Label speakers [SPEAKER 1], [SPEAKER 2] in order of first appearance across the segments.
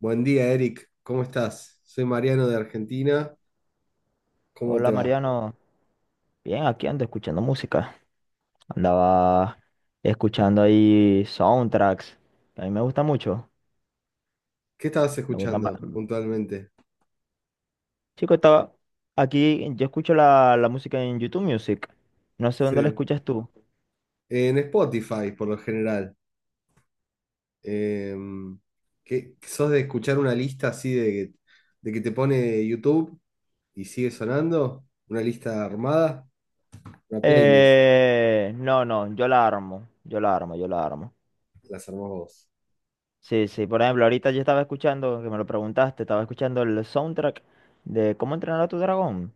[SPEAKER 1] Buen día, Eric. ¿Cómo estás? Soy Mariano de Argentina. ¿Cómo te
[SPEAKER 2] Hola
[SPEAKER 1] va?
[SPEAKER 2] Mariano, bien, aquí ando escuchando música. Andaba escuchando ahí soundtracks, que a mí me gusta mucho.
[SPEAKER 1] ¿Qué estabas
[SPEAKER 2] Me gustan ba-
[SPEAKER 1] escuchando puntualmente?
[SPEAKER 2] Chico, estaba aquí, yo escucho la música en YouTube Music. No sé dónde la
[SPEAKER 1] Sí.
[SPEAKER 2] escuchas tú.
[SPEAKER 1] En Spotify, por lo general. Eh, ¿Qué, sos de escuchar una lista así de que te pone YouTube y sigue sonando? ¿Una lista armada? Una playlist.
[SPEAKER 2] No, no, yo la armo, yo la armo, yo la armo.
[SPEAKER 1] Las armás vos.
[SPEAKER 2] Sí, sí, por ejemplo, ahorita yo estaba escuchando, que me lo preguntaste, estaba escuchando el soundtrack de ¿Cómo entrenar a tu dragón?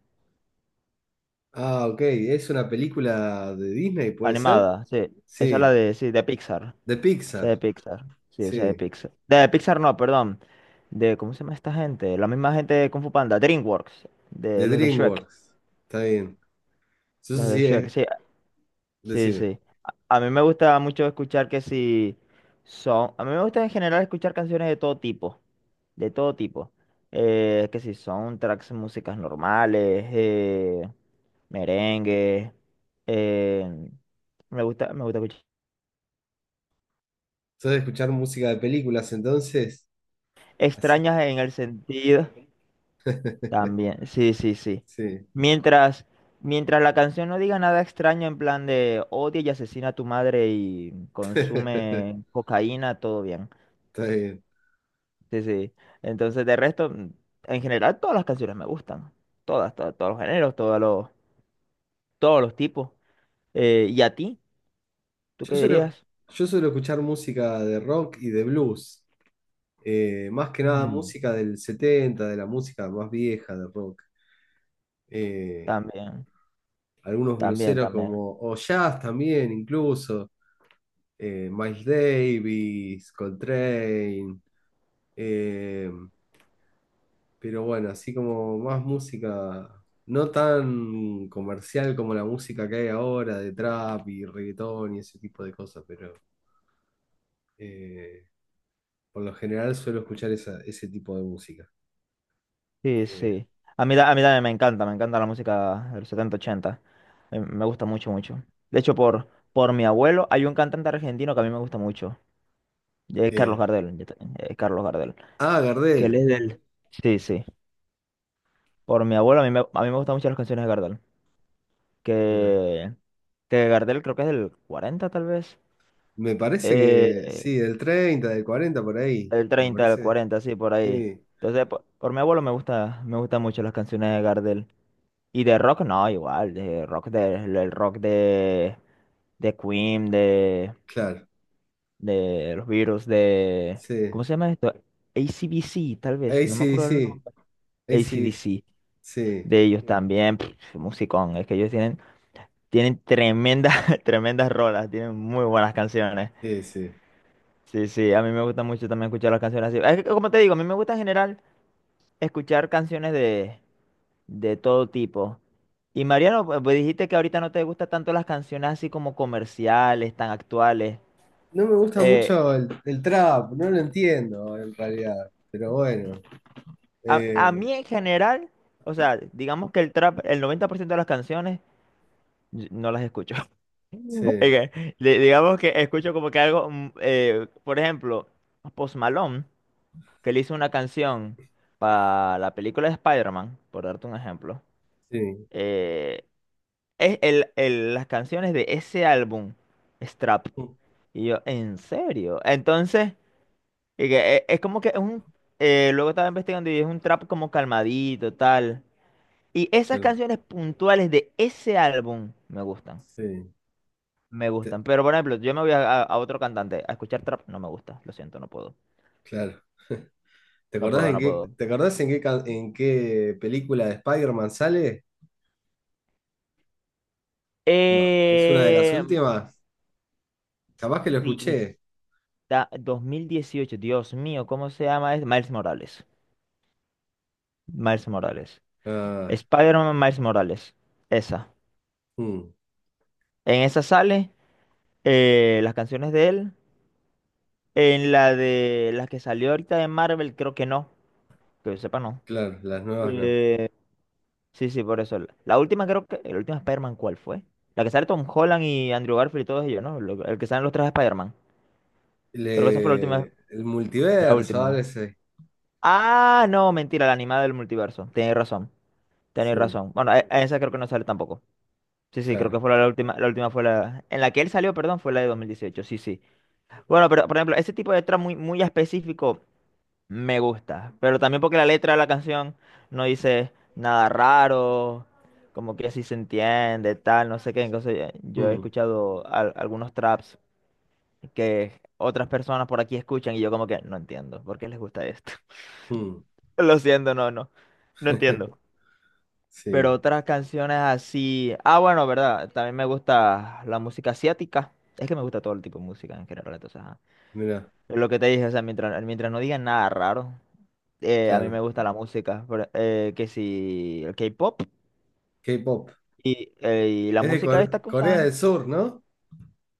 [SPEAKER 1] Ah, ok. ¿Es una película de Disney, puede ser?
[SPEAKER 2] Animada, sí. Esa es la
[SPEAKER 1] Sí.
[SPEAKER 2] de, sí, de Pixar.
[SPEAKER 1] De
[SPEAKER 2] Esa
[SPEAKER 1] Pixar.
[SPEAKER 2] de Pixar. Sí, esa de
[SPEAKER 1] Sí.
[SPEAKER 2] Pixar. De Pixar no, perdón. De, ¿cómo se llama esta gente? La misma gente de Kung Fu Panda, DreamWorks, de
[SPEAKER 1] De
[SPEAKER 2] los de Shrek.
[SPEAKER 1] DreamWorks. Está bien. Eso
[SPEAKER 2] Los de
[SPEAKER 1] sí
[SPEAKER 2] Shrek,
[SPEAKER 1] es.
[SPEAKER 2] sí, sí,
[SPEAKER 1] Decime.
[SPEAKER 2] sí. A mí me gusta mucho escuchar que si son. A mí me gusta en general escuchar canciones de todo tipo. De todo tipo. Que si son tracks, músicas normales, merengue. eh, me gusta, escuchar.
[SPEAKER 1] Sos de escuchar música de películas, entonces. Así-
[SPEAKER 2] Extrañas en el sentido. También, sí, sí, sí.
[SPEAKER 1] sí,
[SPEAKER 2] Mientras, mientras la canción no diga nada extraño en plan de odia y asesina a tu madre y
[SPEAKER 1] está
[SPEAKER 2] consume cocaína, todo bien.
[SPEAKER 1] bien.
[SPEAKER 2] Sí, sí. Entonces, de resto, en general, todas las canciones me gustan. Todas, todas, todos los géneros, todos los tipos. ¿Y a ti? ¿Tú
[SPEAKER 1] Yo
[SPEAKER 2] qué
[SPEAKER 1] suelo,
[SPEAKER 2] dirías?
[SPEAKER 1] yo suelo escuchar música de rock y de blues. Más que nada
[SPEAKER 2] Mm,
[SPEAKER 1] música del 70, de la música más vieja de rock. Eh,
[SPEAKER 2] También,
[SPEAKER 1] algunos
[SPEAKER 2] también,
[SPEAKER 1] blueseros,
[SPEAKER 2] también.
[SPEAKER 1] como o jazz también, incluso. Miles Davis, Coltrane. Eh, Pero bueno, así como más música, no tan comercial como la música que hay ahora de trap y reggaetón y ese tipo de cosas, pero eh, por lo general suelo escuchar ese tipo de música.
[SPEAKER 2] Sí,
[SPEAKER 1] Eh,
[SPEAKER 2] sí. A mí, a mí también me encanta la música del setenta, ochenta. Me gusta mucho, mucho. De hecho, por mi abuelo hay un cantante argentino que a mí me gusta mucho. Es Carlos
[SPEAKER 1] eh,
[SPEAKER 2] Gardel, yo también, Carlos Gardel.
[SPEAKER 1] Ah,
[SPEAKER 2] Que él
[SPEAKER 1] Gardel,
[SPEAKER 2] es del... Sí, sí. Por mi abuelo a mí me gustan mucho las canciones de Gardel.
[SPEAKER 1] mirá,
[SPEAKER 2] Que, que Gardel creo que es del 40 tal vez.
[SPEAKER 1] me parece
[SPEAKER 2] Eh,
[SPEAKER 1] que
[SPEAKER 2] eh,
[SPEAKER 1] sí, del 30, del 40 por ahí,
[SPEAKER 2] Del
[SPEAKER 1] me
[SPEAKER 2] 30, del
[SPEAKER 1] parece.
[SPEAKER 2] 40, sí, por ahí.
[SPEAKER 1] Sí,
[SPEAKER 2] Entonces, por mi abuelo me gusta, me gustan mucho las canciones de Gardel. Y de rock no, igual, de rock de el rock de Queen,
[SPEAKER 1] claro,
[SPEAKER 2] de los Virus, de...
[SPEAKER 1] sí.
[SPEAKER 2] ¿Cómo se llama esto? ACDC, tal vez,
[SPEAKER 1] Ahí
[SPEAKER 2] no me
[SPEAKER 1] sí,
[SPEAKER 2] acuerdo el
[SPEAKER 1] sí,
[SPEAKER 2] nombre.
[SPEAKER 1] ahí sí, sí,
[SPEAKER 2] ACDC, de ellos también, pff, musicón, es que ellos tienen tremendas, tremendas rolas, tienen muy buenas canciones.
[SPEAKER 1] sí. Sí.
[SPEAKER 2] Sí, sí, a mí me gusta mucho también escuchar las canciones así. Es que, como te digo, a mí me gusta en general escuchar canciones de todo tipo. Y Mariano, pues dijiste que ahorita no te gustan tanto las canciones así como comerciales, tan actuales.
[SPEAKER 1] No me gusta
[SPEAKER 2] Eh,
[SPEAKER 1] mucho el trap, no lo entiendo en realidad, pero bueno.
[SPEAKER 2] a
[SPEAKER 1] eh,
[SPEAKER 2] mí en general, o sea, digamos que el trap, el 90% de las canciones yo no las escucho.
[SPEAKER 1] sí,
[SPEAKER 2] Oiga, digamos que escucho como que algo, por ejemplo, Post Malone, que le hizo una canción para la película de Spider-Man, por darte un ejemplo.
[SPEAKER 1] sí,
[SPEAKER 2] eh, Es las canciones de ese álbum, Strap. Y yo, ¿en serio? Entonces, y que, es, como que es un... Luego estaba investigando y es un trap como calmadito, tal. Y esas
[SPEAKER 1] claro,
[SPEAKER 2] canciones puntuales de ese álbum me gustan.
[SPEAKER 1] sí.
[SPEAKER 2] Me
[SPEAKER 1] te-
[SPEAKER 2] gustan. Pero, por ejemplo, yo me voy a, a otro cantante a escuchar trap. No me gusta. Lo siento, no puedo.
[SPEAKER 1] claro. ¿Te
[SPEAKER 2] No
[SPEAKER 1] acordás
[SPEAKER 2] puedo,
[SPEAKER 1] en
[SPEAKER 2] no
[SPEAKER 1] qué,
[SPEAKER 2] puedo.
[SPEAKER 1] te acordás en qué, en qué película de Spider-Man sale? Ah, es una de las
[SPEAKER 2] Eh,
[SPEAKER 1] últimas, capaz que lo
[SPEAKER 2] sí,
[SPEAKER 1] escuché.
[SPEAKER 2] 2018 Dios mío, ¿cómo se llama? Es Miles Morales. Miles Morales.
[SPEAKER 1] Ah.
[SPEAKER 2] Spider-Man Miles Morales. Esa.
[SPEAKER 1] Mm.
[SPEAKER 2] En esa sale las canciones de él. En la de las que salió ahorita de Marvel, creo que no. Que yo sepa, no.
[SPEAKER 1] Claro, las nuevas no.
[SPEAKER 2] Eh, sí, sí, por eso. La última, creo que. La última Spider-Man, ¿cuál fue? La que sale Tom Holland y Andrew Garfield y todos ellos, ¿no? El que salen los tres de Spider-Man. Creo que esa fue la
[SPEAKER 1] Le-
[SPEAKER 2] última.
[SPEAKER 1] el
[SPEAKER 2] La
[SPEAKER 1] multiverso,
[SPEAKER 2] última.
[SPEAKER 1] ahora sí,
[SPEAKER 2] Ah, no, mentira, la animada del multiverso. Tenéis razón. Tenéis
[SPEAKER 1] sí,
[SPEAKER 2] razón. Bueno, a esa creo que no sale tampoco. Sí, sí, creo que
[SPEAKER 1] claro.
[SPEAKER 2] fue la última. La última fue la. En la que él salió, perdón, fue la de 2018. Sí, sí. Bueno, pero por ejemplo, ese tipo de letra muy, muy específico me gusta, pero también porque la letra de la canción no dice nada raro, como que así se entiende, tal, no sé qué. Entonces yo he
[SPEAKER 1] Mm.
[SPEAKER 2] escuchado algunos traps que otras personas por aquí escuchan y yo como que no entiendo, ¿por qué les gusta esto?
[SPEAKER 1] Mm.
[SPEAKER 2] Lo siento, no, no, no entiendo. Pero
[SPEAKER 1] Sí,
[SPEAKER 2] otras canciones así, ah, bueno, verdad, también me gusta la música asiática. Es que me gusta todo el tipo de música en general, entonces, ajá.
[SPEAKER 1] mira,
[SPEAKER 2] Es lo que te dije, o sea, mientras no digan nada raro, a mí me
[SPEAKER 1] claro.
[SPEAKER 2] gusta la música, pero, que si el K-pop
[SPEAKER 1] K-pop.
[SPEAKER 2] y la
[SPEAKER 1] Es de
[SPEAKER 2] música esta que
[SPEAKER 1] Corea del
[SPEAKER 2] usan,
[SPEAKER 1] Sur, ¿no?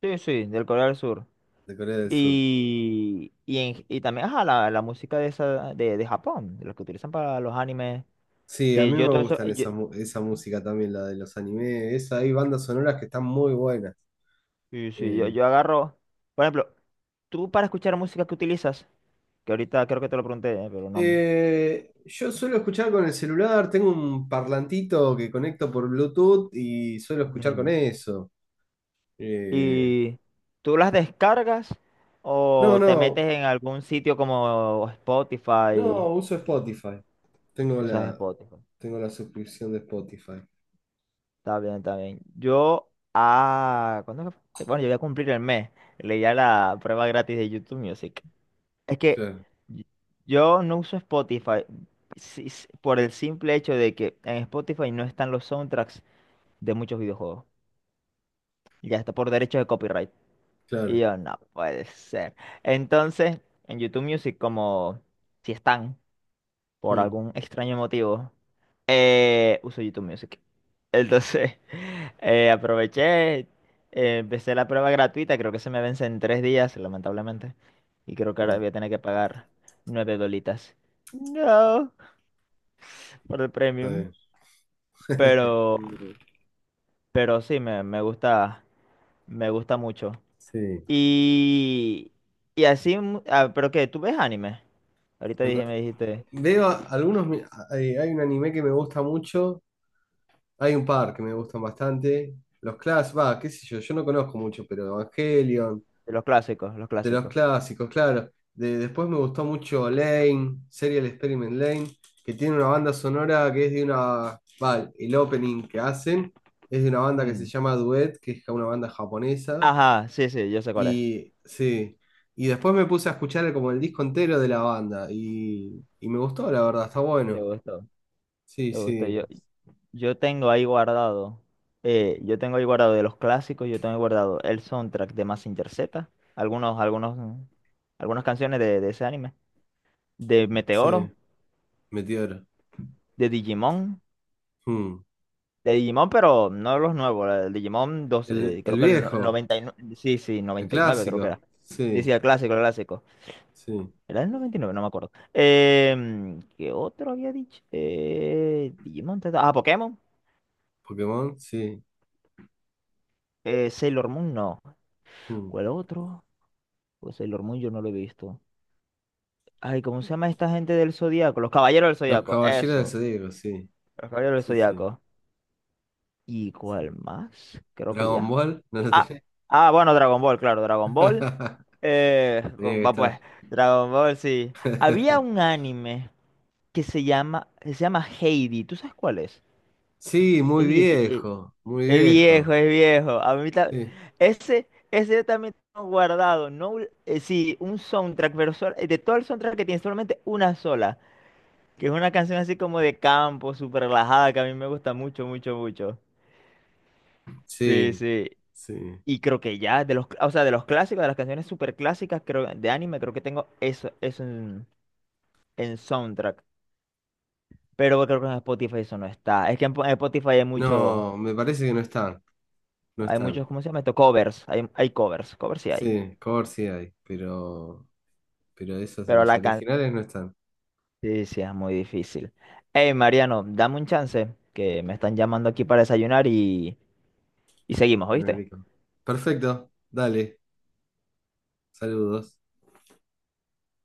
[SPEAKER 2] sí, sí, del Corea del Sur.
[SPEAKER 1] De Corea del Sur.
[SPEAKER 2] Y también, ajá, la música de, esa, de Japón, de los que utilizan para los animes,
[SPEAKER 1] Sí, a
[SPEAKER 2] que
[SPEAKER 1] mí
[SPEAKER 2] yo
[SPEAKER 1] me
[SPEAKER 2] todo eso,
[SPEAKER 1] gustan
[SPEAKER 2] yo,
[SPEAKER 1] esa, esa música también, la de los animes. Esa, hay bandas sonoras que están muy buenas.
[SPEAKER 2] sí, sí, yo,
[SPEAKER 1] Eh,
[SPEAKER 2] yo agarro, por ejemplo, tú para escuchar música que utilizas, que ahorita creo que te lo pregunté, pero no.
[SPEAKER 1] yo suelo escuchar con el celular, tengo un parlantito que conecto por Bluetooth y suelo escuchar con
[SPEAKER 2] Ujú.
[SPEAKER 1] eso. Eh,
[SPEAKER 2] Y tú las descargas
[SPEAKER 1] no,
[SPEAKER 2] o te metes
[SPEAKER 1] no,
[SPEAKER 2] en algún sitio como Spotify,
[SPEAKER 1] no, uso Spotify. Tengo
[SPEAKER 2] usas
[SPEAKER 1] la,
[SPEAKER 2] Spotify.
[SPEAKER 1] tengo la suscripción de Spotify.
[SPEAKER 2] Está bien, está bien. Yo, ¿cuándo que fue? Bueno, yo voy a cumplir el mes. Leía la prueba gratis de YouTube Music. Es que
[SPEAKER 1] Claro,
[SPEAKER 2] y- yo no uso Spotify por el simple hecho de que en Spotify no están los soundtracks de muchos videojuegos. Ya está por derechos de copyright. Y
[SPEAKER 1] claro.
[SPEAKER 2] yo, no puede ser. Entonces, en YouTube Music, como si están por
[SPEAKER 1] Mm.
[SPEAKER 2] algún extraño motivo, uso YouTube Music. Entonces, aproveché, empecé la prueba gratuita, creo que se me vence en 3 días, lamentablemente. Y creo que ahora
[SPEAKER 1] Mm.
[SPEAKER 2] voy a tener que pagar 9 dolitas. No, por el
[SPEAKER 1] Está
[SPEAKER 2] premium.
[SPEAKER 1] bien.
[SPEAKER 2] Pero, pero sí, me gusta, me gusta, mucho.
[SPEAKER 1] Sí.
[SPEAKER 2] Y, y así, pero que, ¿tú ves anime? Ahorita
[SPEAKER 1] En
[SPEAKER 2] dije, me dijiste,
[SPEAKER 1] Veo algunos. Hay un anime que me gusta mucho, hay un par que me gustan bastante. Los clásicos, va, qué sé yo, yo no conozco mucho, pero Evangelion,
[SPEAKER 2] de los clásicos, los
[SPEAKER 1] de los
[SPEAKER 2] clásicos.
[SPEAKER 1] clásicos, claro. De, después me gustó mucho Lane, Serial Experiment Lane, que tiene una banda sonora que es de una, va, el opening que hacen es de una banda que se
[SPEAKER 2] Mm.
[SPEAKER 1] llama Duet, que es una banda japonesa.
[SPEAKER 2] Ajá, sí, sí, yo sé cuál es.
[SPEAKER 1] Y sí, y después me puse a escuchar como el disco entero de la banda y me gustó, la verdad, está
[SPEAKER 2] Te
[SPEAKER 1] bueno.
[SPEAKER 2] gustó,
[SPEAKER 1] Sí,
[SPEAKER 2] te gustó. Yo,
[SPEAKER 1] sí.
[SPEAKER 2] yo tengo ahí guardado, yo tengo ahí guardado de los clásicos, yo tengo ahí guardado el soundtrack de Mazinger Z, algunos, algunos, algunas canciones de ese anime, de
[SPEAKER 1] Sí,
[SPEAKER 2] Meteoro,
[SPEAKER 1] Meteoro.
[SPEAKER 2] de Digimon,
[SPEAKER 1] Hmm.
[SPEAKER 2] de Digimon, pero no los nuevos, el Digimon 2,
[SPEAKER 1] El
[SPEAKER 2] creo que el
[SPEAKER 1] viejo,
[SPEAKER 2] 99 sí, sí,
[SPEAKER 1] el
[SPEAKER 2] 99 creo que era.
[SPEAKER 1] clásico.
[SPEAKER 2] Sí, sí,
[SPEAKER 1] Sí,
[SPEAKER 2] el clásico, el clásico.
[SPEAKER 1] sí.
[SPEAKER 2] Era el 99 no me acuerdo. ¿Qué otro había dicho? Digimon, Pokémon.
[SPEAKER 1] Pokémon, sí.
[SPEAKER 2] Sailor Moon, no.
[SPEAKER 1] Hmm.
[SPEAKER 2] ¿Cuál otro? Pues Sailor Moon yo no lo he visto. Ay, ¿cómo se llama esta gente del Zodíaco? Los Caballeros del
[SPEAKER 1] Los
[SPEAKER 2] Zodíaco,
[SPEAKER 1] Caballeros del
[SPEAKER 2] eso.
[SPEAKER 1] Zodíaco, sí.
[SPEAKER 2] Los Caballeros del
[SPEAKER 1] Sí, sí,
[SPEAKER 2] Zodíaco. ¿Y
[SPEAKER 1] sí.
[SPEAKER 2] cuál más? Creo que
[SPEAKER 1] Dragon
[SPEAKER 2] ya.
[SPEAKER 1] Ball, no lo
[SPEAKER 2] Ah,
[SPEAKER 1] tenés.
[SPEAKER 2] ah, bueno, Dragon Ball, claro, Dragon Ball.
[SPEAKER 1] Tenía que
[SPEAKER 2] Va pues,
[SPEAKER 1] estar.
[SPEAKER 2] Dragon Ball, sí. Había un anime que se llama Heidi. ¿Tú sabes cuál es?
[SPEAKER 1] Sí, muy
[SPEAKER 2] Es viejo.
[SPEAKER 1] viejo, muy
[SPEAKER 2] Es viejo,
[SPEAKER 1] viejo.
[SPEAKER 2] es viejo. A mí
[SPEAKER 1] Sí,
[SPEAKER 2] ese yo también tengo guardado. No, sí, un soundtrack, pero de todo el soundtrack que tiene, solamente una sola. Que es una canción así como de campo, súper relajada, que a mí me gusta mucho, mucho, mucho. Sí,
[SPEAKER 1] sí,
[SPEAKER 2] sí.
[SPEAKER 1] sí.
[SPEAKER 2] Y creo que ya, de los, o sea, de los clásicos, de las canciones súper clásicas, creo, de anime, creo que tengo eso, eso en soundtrack. Pero creo que en Spotify eso no está. Es que en Spotify hay muchos,
[SPEAKER 1] No, me parece que no están, no
[SPEAKER 2] hay
[SPEAKER 1] están.
[SPEAKER 2] muchos, ¿cómo se llama esto? Covers. Hay covers. Covers sí hay.
[SPEAKER 1] Sí, cover sí hay, pero esos,
[SPEAKER 2] Pero
[SPEAKER 1] los
[SPEAKER 2] la, can.
[SPEAKER 1] originales no están.
[SPEAKER 2] Sí, sí, es muy difícil. Hey, Mariano, dame un chance, que me están llamando aquí para desayunar y seguimos,
[SPEAKER 1] Bueno,
[SPEAKER 2] ¿oíste?
[SPEAKER 1] Nico. Perfecto, dale. Saludos.